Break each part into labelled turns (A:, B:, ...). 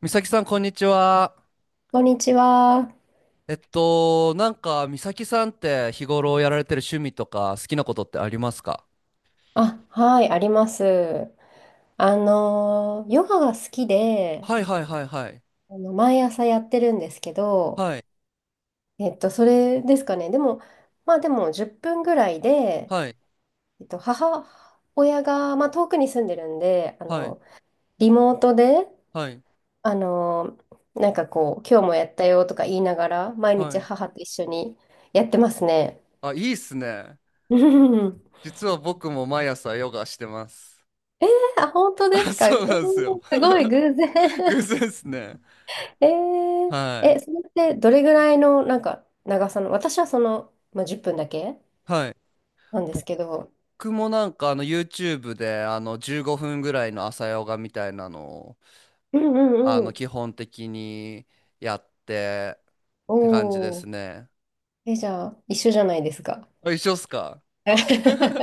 A: 美咲さん、こんにちは。
B: こんにちは。
A: 美咲さんって日頃やられてる趣味とか好きなことってありますか？
B: あ、はい、あります。ヨガが好きで、
A: はいはいはいはい。
B: 毎朝やってるんですけど、
A: はい、
B: それですかね。でも、まあでも10分ぐらいで、
A: はい、
B: 母親が、まあ遠くに住んでるんで、
A: はい、
B: リモートで、
A: はい、
B: あのなんかこう、今日もやったよとか言いながら、毎
A: は
B: 日
A: い。
B: 母と一緒にやってますね。
A: あ、いいっすね。
B: うん。
A: 実は僕も毎朝ヨガしてます。
B: あ、本当
A: あ、
B: ですか。
A: そうなんですよ。
B: すごい 偶然。
A: 偶然ですね。
B: えー。
A: は
B: え、
A: い。
B: それってどれぐらいのなんか長さの、私はまあ、10分だけ
A: はい。
B: なんですけ
A: 僕
B: ど、
A: もYouTube で15分ぐらいの朝ヨガみたいなの
B: うんうんうん。
A: 基本的にやってって感じで
B: お
A: す
B: ー。
A: ね。
B: え、じゃあ、一緒じゃないですか。
A: あ、一緒っすか？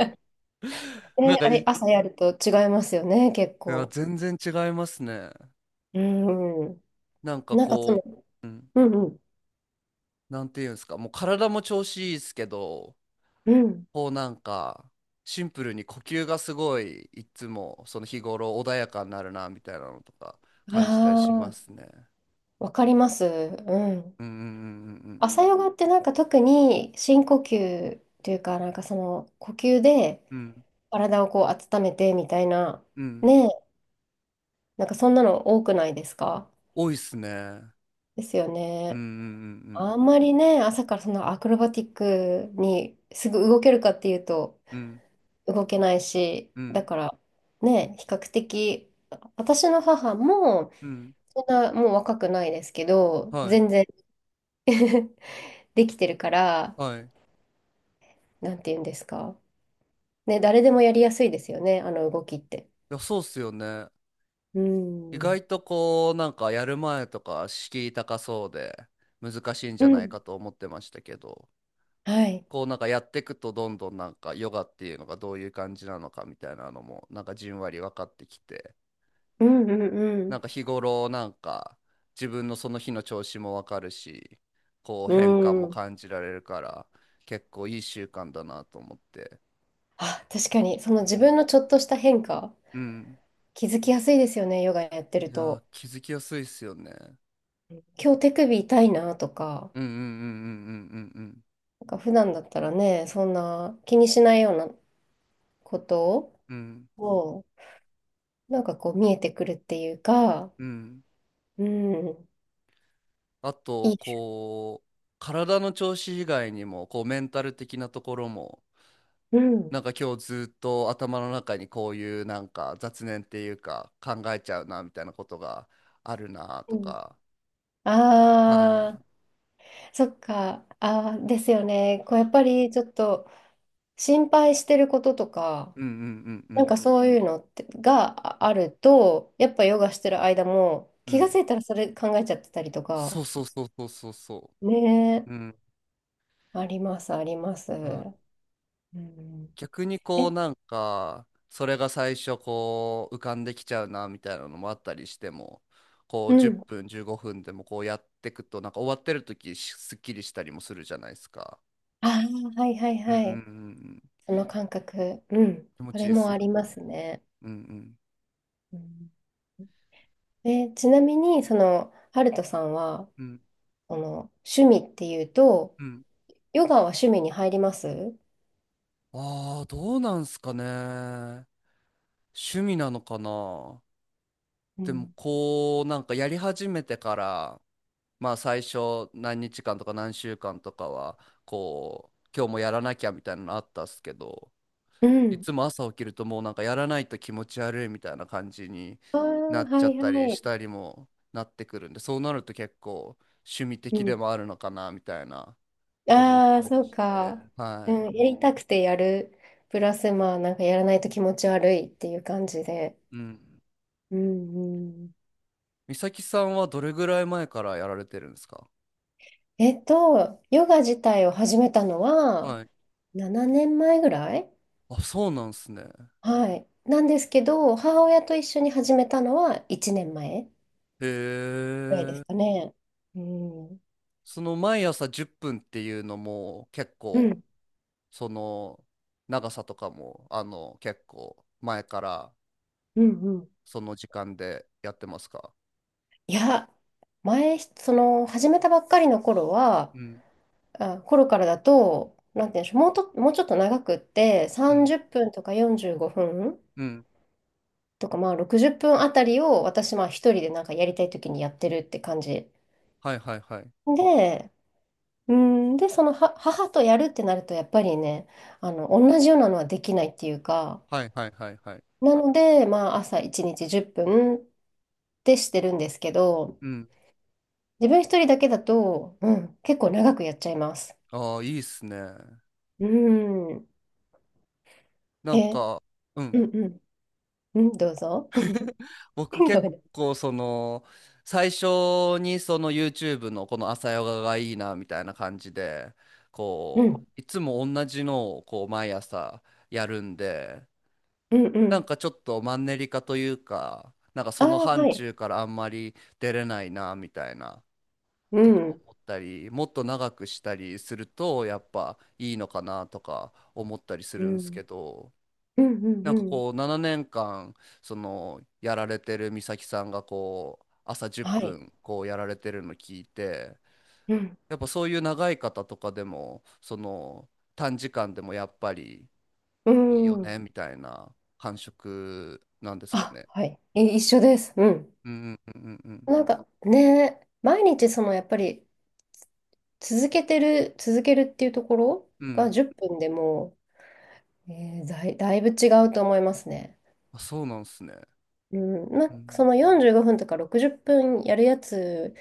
B: え、あれ、
A: い
B: 朝やると違いますよね、結
A: や、
B: 構。
A: 全然違いますね。
B: うんう
A: なん
B: ん。
A: か
B: なんかそ
A: こ
B: の、
A: う、うん、
B: うんうん。
A: なんていうんですか、もう体も調子いいっすけど、
B: うん。
A: こうなんか、シンプルに呼吸がすごい、いつもその日頃穏やかになるな、みたいなのとか
B: あ
A: 感じたりしま
B: あ、
A: すね。
B: わかります。うん。
A: うんうんうん
B: 朝ヨガってなんか特に深呼吸というか、なんかその呼吸で
A: うんうん。
B: 体をこう温めてみたいな、
A: うんうん。
B: ね、なんかそんなの多くないですか？
A: 多いっすね。
B: ですよ
A: うんう
B: ね。
A: ん
B: あんまりね、朝からそんなアクロバティックにすぐ動けるかっていうと
A: うんうん。
B: 動けないし、
A: う
B: だ
A: ん
B: からね、比較的、私の母も
A: うんうん。
B: そんなもう若くないですけど、
A: はい。
B: 全然 できてるから、
A: はい。
B: なんて言うんですか。ね、誰でもやりやすいですよね、あの動きって。
A: いや、そうっすよね。
B: う
A: 意
B: ん。
A: 外とこう、なんかやる前とか敷居高そうで難しいんじ
B: う
A: ゃない
B: ん。
A: かと思ってましたけど、
B: はい。
A: こうなんかやっていくとどんどんなんかヨガっていうのがどういう感じなのかみたいなのもなんかじんわり分かってきて、
B: うんう
A: なん
B: ん
A: か日頃なんか自分のその日の調子も分かるし、こう
B: う
A: 変化
B: ん。
A: も
B: うん。
A: 感じられるから結構いい習慣だなと思って。
B: あ、確かに、その
A: う
B: 自
A: ん。
B: 分のちょっとした変化
A: うん。
B: 気づきやすいですよね、ヨガやって
A: い
B: る
A: やー、
B: と。
A: 気づきやすいっすよね。
B: うん、今日手首痛いなとか、
A: うんうんうんうんうんうんうん。
B: なんか普段だったらね、そんな気にしないようなこと
A: うん
B: を、なんかこう見えてくるっていうか、
A: うん。
B: うん、
A: あと、
B: いいです。
A: こう、体の調子以外にも、こう、メンタル的なところも、
B: うん。
A: なんか今日ずっと頭の中にこういうなんか雑念っていうか考えちゃうなみたいなことがあるな
B: う
A: と
B: ん、
A: か、は
B: ああ、
A: い。
B: そっか。ああ、ですよね。こうやっぱりちょっと心配してることとか、
A: うんうんうんう
B: なん
A: ん
B: かそういうのってがああると、やっぱヨガしてる間も
A: う
B: 気が
A: ん。
B: ついたらそれ考えちゃってたりと
A: そ
B: か、
A: うそうそうそうそうそ
B: ね、
A: う。うん。
B: あります、あります。うん。
A: 逆に
B: え、
A: こうなんかそれが最初こう浮かんできちゃうなみたいなのもあったりしてもこ
B: う
A: う10
B: ん。
A: 分15分でもこうやっていくとなんか終わってる時しすっきりしたりもするじゃないですか。
B: ああ、はいはい
A: うんう
B: は
A: んうんう
B: い。
A: ん。
B: その感覚。うん。
A: 気持
B: そ
A: ちい
B: れ
A: いです
B: もあ
A: よね。
B: りますね。
A: うんうん
B: うん。え、ちなみに、その、ハルトさんは、
A: うん
B: その、趣味っていうと、
A: うん。
B: ヨガは趣味に入ります？
A: ああーどうなんすかね。趣味なのかな。
B: う
A: でも
B: ん。
A: こうなんかやり始めてから、まあ最初何日間とか何週間とかはこう今日もやらなきゃみたいなのあったっすけど、
B: う
A: い
B: ん。
A: つも朝起きるともうなんかやらないと気持ち悪いみたいな感じに
B: ああ、
A: なっち
B: は
A: ゃ
B: い
A: っ
B: は
A: たりし
B: い。
A: たりもなってくるんで、そうなると結構趣味
B: う
A: 的で
B: ん。
A: もあるのかなみたいな思っ
B: ああ、
A: たり
B: そう
A: して。
B: か。
A: は
B: うん、
A: い。
B: やりたくてやる。プラス、まあ、なんかやらないと気持ち悪いっていう感じで。
A: うん。
B: うんうん。
A: 美咲さんはどれぐらい前からやられてるんですか？
B: ヨガ自体を始めたのは
A: はい。
B: 7年前ぐらい。
A: あ、そうなんすね。
B: はい。なんですけど、母親と一緒に始めたのは1年前
A: へ
B: ぐらいです
A: え。
B: かね。うん。うん、
A: その毎朝10分っぷんっていうのも結
B: う
A: 構、
B: ん、
A: その長さとかも結構前から
B: うん。
A: その時間でやってますか？
B: いや、前、その、始めたばっかりの頃は、
A: うん
B: あ、頃からだと、なんて言うんでしょう、もうちょっと長くって、
A: うん
B: 30分とか45分
A: うん。
B: とか、まあ60分あたりを私、まあ一人でなんかやりたい時にやってるって感じ。
A: はいはいはい
B: で、うん、で、そのは母とやるってなると、やっぱりね、同じようなのはできないっていうか、
A: はいはいはい。はい。
B: なので、まあ、朝1日10分っぷんってしてるんですけど、
A: うん。
B: 自分一人だけだと、うん、結構長くやっちゃいます。
A: ああ、いいっすね。
B: うん。
A: なん
B: え、うん
A: か、うん。
B: うん。うん、どうぞ。
A: 僕
B: ごめ
A: 結
B: ん。
A: 構その、最初にその YouTube のこの朝ヨガがいいなみたいな感じで、
B: う
A: こ
B: ん、
A: う、いつも同じのをこう毎朝やるんで、
B: うん、う
A: なん
B: ん。
A: かちょっとマンネリ化というか、なんか
B: あ
A: その
B: あ、
A: 範
B: はい。
A: 疇からあんまり出れないなみたいな
B: う
A: とか
B: ん、
A: 思ったり、もっと長くしたりするとやっぱいいのかなとか思ったりす
B: う
A: るんです
B: ん、
A: けど、
B: うん、うん、
A: なん
B: う
A: か
B: ん。
A: こう7年間そのやられてる美咲さんがこう朝10
B: はい。
A: 分こうやられてるの聞いて、
B: うん、
A: やっぱそういう長い方とかでもその短時間でもやっぱり
B: う
A: いいよ
B: ん。
A: ねみたいな感触なんですか
B: あ、
A: ね？
B: はい。え、一緒です。うん。
A: うんうんうん
B: なんかね、毎日そのやっぱり続けるっていうところ
A: うんう
B: が
A: ん。
B: 10分でもう、だいぶ違うと思いますね。
A: あ、そうなんすね。
B: うん、ま
A: う
B: あ、
A: ん。
B: その45分とか60分やるやつ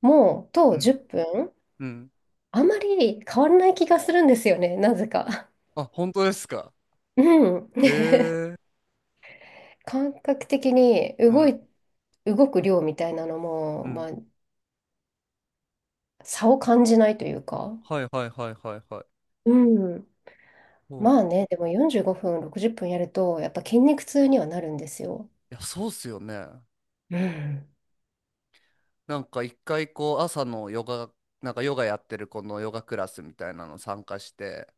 B: も、
A: う
B: と
A: ん。
B: 10分、
A: うん。
B: あまり変わらない気がするんですよね、なぜか。
A: あ、本当ですか？
B: うん。
A: へえ。
B: 感覚的に
A: うん。
B: 動く量みたいなのも、
A: う
B: ま
A: ん。
B: あ、差を感じないというか。
A: はいはいはいはいはい。
B: うん。
A: そうな
B: まあ
A: ん
B: ね、
A: す。
B: でも45分、60分やると、やっぱ筋肉痛にはなるんですよ。
A: いや、そうっすよね。
B: うん。
A: なんか一回こう朝のヨガ、なんかヨガやってる子のヨガクラスみたいなの参加して、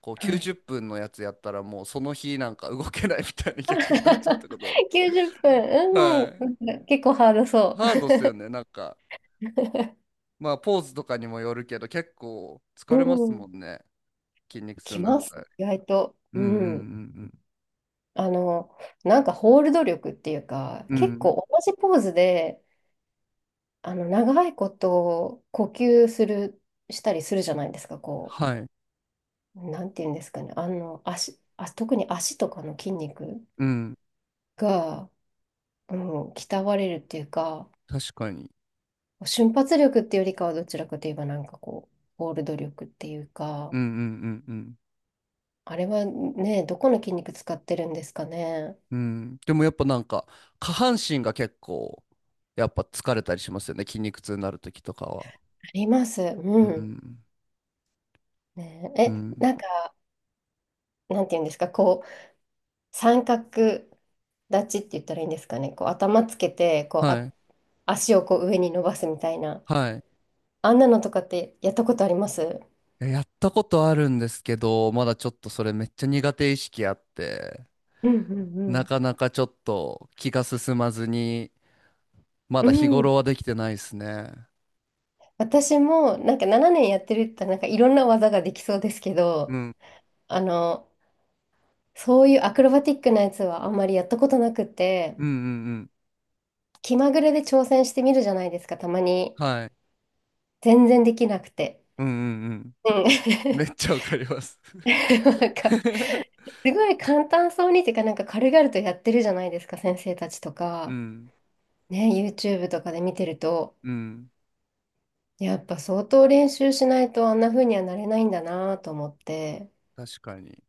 A: こう
B: は
A: 90
B: い。
A: 分のやつやったらもうその日なんか動けないみたいな逆になっちゃった ことあっ
B: 90分。う
A: て。
B: じゅ
A: は
B: っぷん。う
A: い。
B: ん。なんか結構ハードそ
A: ハードっすよね。なんか、まあ、ポーズとかにもよるけど、結構
B: う。
A: 疲 れます
B: うん。
A: もんね。筋肉痛
B: き
A: になっ
B: ます。
A: たり。
B: 意外と。
A: う
B: う
A: んう
B: ん。
A: ん
B: あの、なんかホールド力っていうか、
A: うんう
B: 結
A: ん。うん。
B: 構同じポーズで、長いこと呼吸する、したりするじゃないですか。こ
A: はい。
B: う、なんていうんですかね。特に足とかの筋肉
A: うん。
B: が、うん、鍛われるっていうか、
A: 確かに。
B: 瞬発力っていうよりかはどちらかといえばなんかこう、ホールド力っていう
A: う
B: か、
A: んうんうん
B: あれはね、どこの筋肉使ってるんですかね。
A: うん。うん。でもやっぱなんか、下半身が結構、やっぱ疲れたりしますよね。筋肉痛になるときとかは。
B: あります。う
A: う
B: ん。
A: ん。う
B: ね、え、
A: ん。
B: なんか、なんていうんですか、こう、三角立ちって言ったらいいんですかね。こう、頭つけて、こう、
A: は
B: あ、
A: い。
B: 足をこう上に伸ばすみたいな。
A: はい。
B: あんなのとかってやったことあります？
A: いややったことあるんですけど、まだちょっとそれめっちゃ苦手意識あって、
B: うんう
A: な
B: ん
A: かなかちょっと気が進まずに、ま
B: う
A: だ日
B: ん。う
A: 頃
B: ん。
A: はできてないですね。
B: 私も、なんか7年やってるって言ったら、なんかいろんな技ができそうですけ
A: う
B: ど、
A: ん。
B: あの、そういうアクロバティックなやつはあんまりやったことなくて、
A: うんうんうん。
B: 気まぐれで挑戦してみるじゃないですか、たまに。
A: はい。
B: 全然できなくて。
A: うんうんうん。
B: う
A: め
B: ん。
A: っちゃわかります。
B: なんか、すごい簡単そうにっていうか、なんか軽々とやってるじゃないですか、先生たちと
A: う
B: か。
A: ん、
B: ね、YouTube とかで見てると、
A: うん、
B: やっぱ相当練習しないとあんな風にはなれないんだなと思って。
A: 確かに。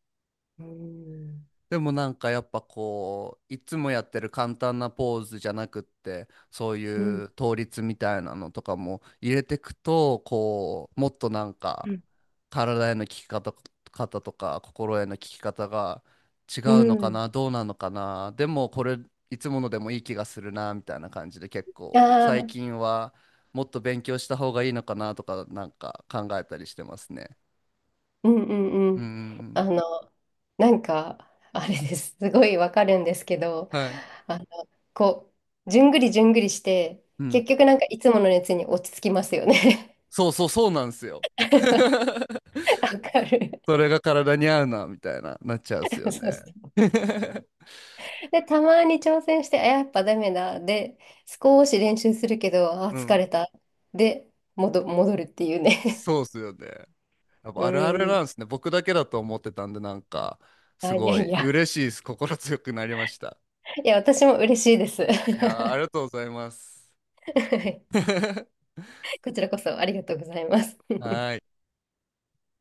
B: うん。
A: でもなんかやっぱこういつもやってる簡単なポーズじゃなくってそうい
B: うん、
A: う倒立みたいなのとかも入れてくと、こうもっとなん
B: う
A: か
B: ん、
A: 体への効き方、方とか心への効き方が違
B: う
A: うのか
B: ん。
A: な、どうなのかな、でもこれいつものでもいい気がするなみたいな感じで、結構
B: あ
A: 最
B: あ、
A: 近はもっと勉強した方がいいのかなとかなんか考えたりしてますね。
B: うんうんう
A: うんう
B: ん。あ
A: ん
B: の、なんか、あれです。すごいわかるんですけど、
A: うん。はい。
B: あの、こう、じゅんぐりじゅんぐりして、
A: うん。
B: 結局なんかいつもの熱に落ち着きますよね。
A: そうそうそうなんですよ。
B: わかる。
A: それが体に合うな、みたいな、なっちゃうんですよ
B: そう
A: ね。
B: そう。で、たまに挑戦して、あ、やっぱダメだ。で、少し練習するけど、あ、
A: う
B: 疲
A: ん。
B: れた。で、戻るっていうね。
A: そうっすよね。やっ
B: う
A: ぱあるあるな
B: ん。
A: んですね。僕だけだと思ってたんで、なんか、す
B: あ、いや
A: ご
B: い
A: い
B: や。
A: 嬉しいです。心強くなりました。
B: いや、私も嬉しいです。
A: いやー、あ りがとうございます。
B: こちらこそありがとうございます。
A: はーい。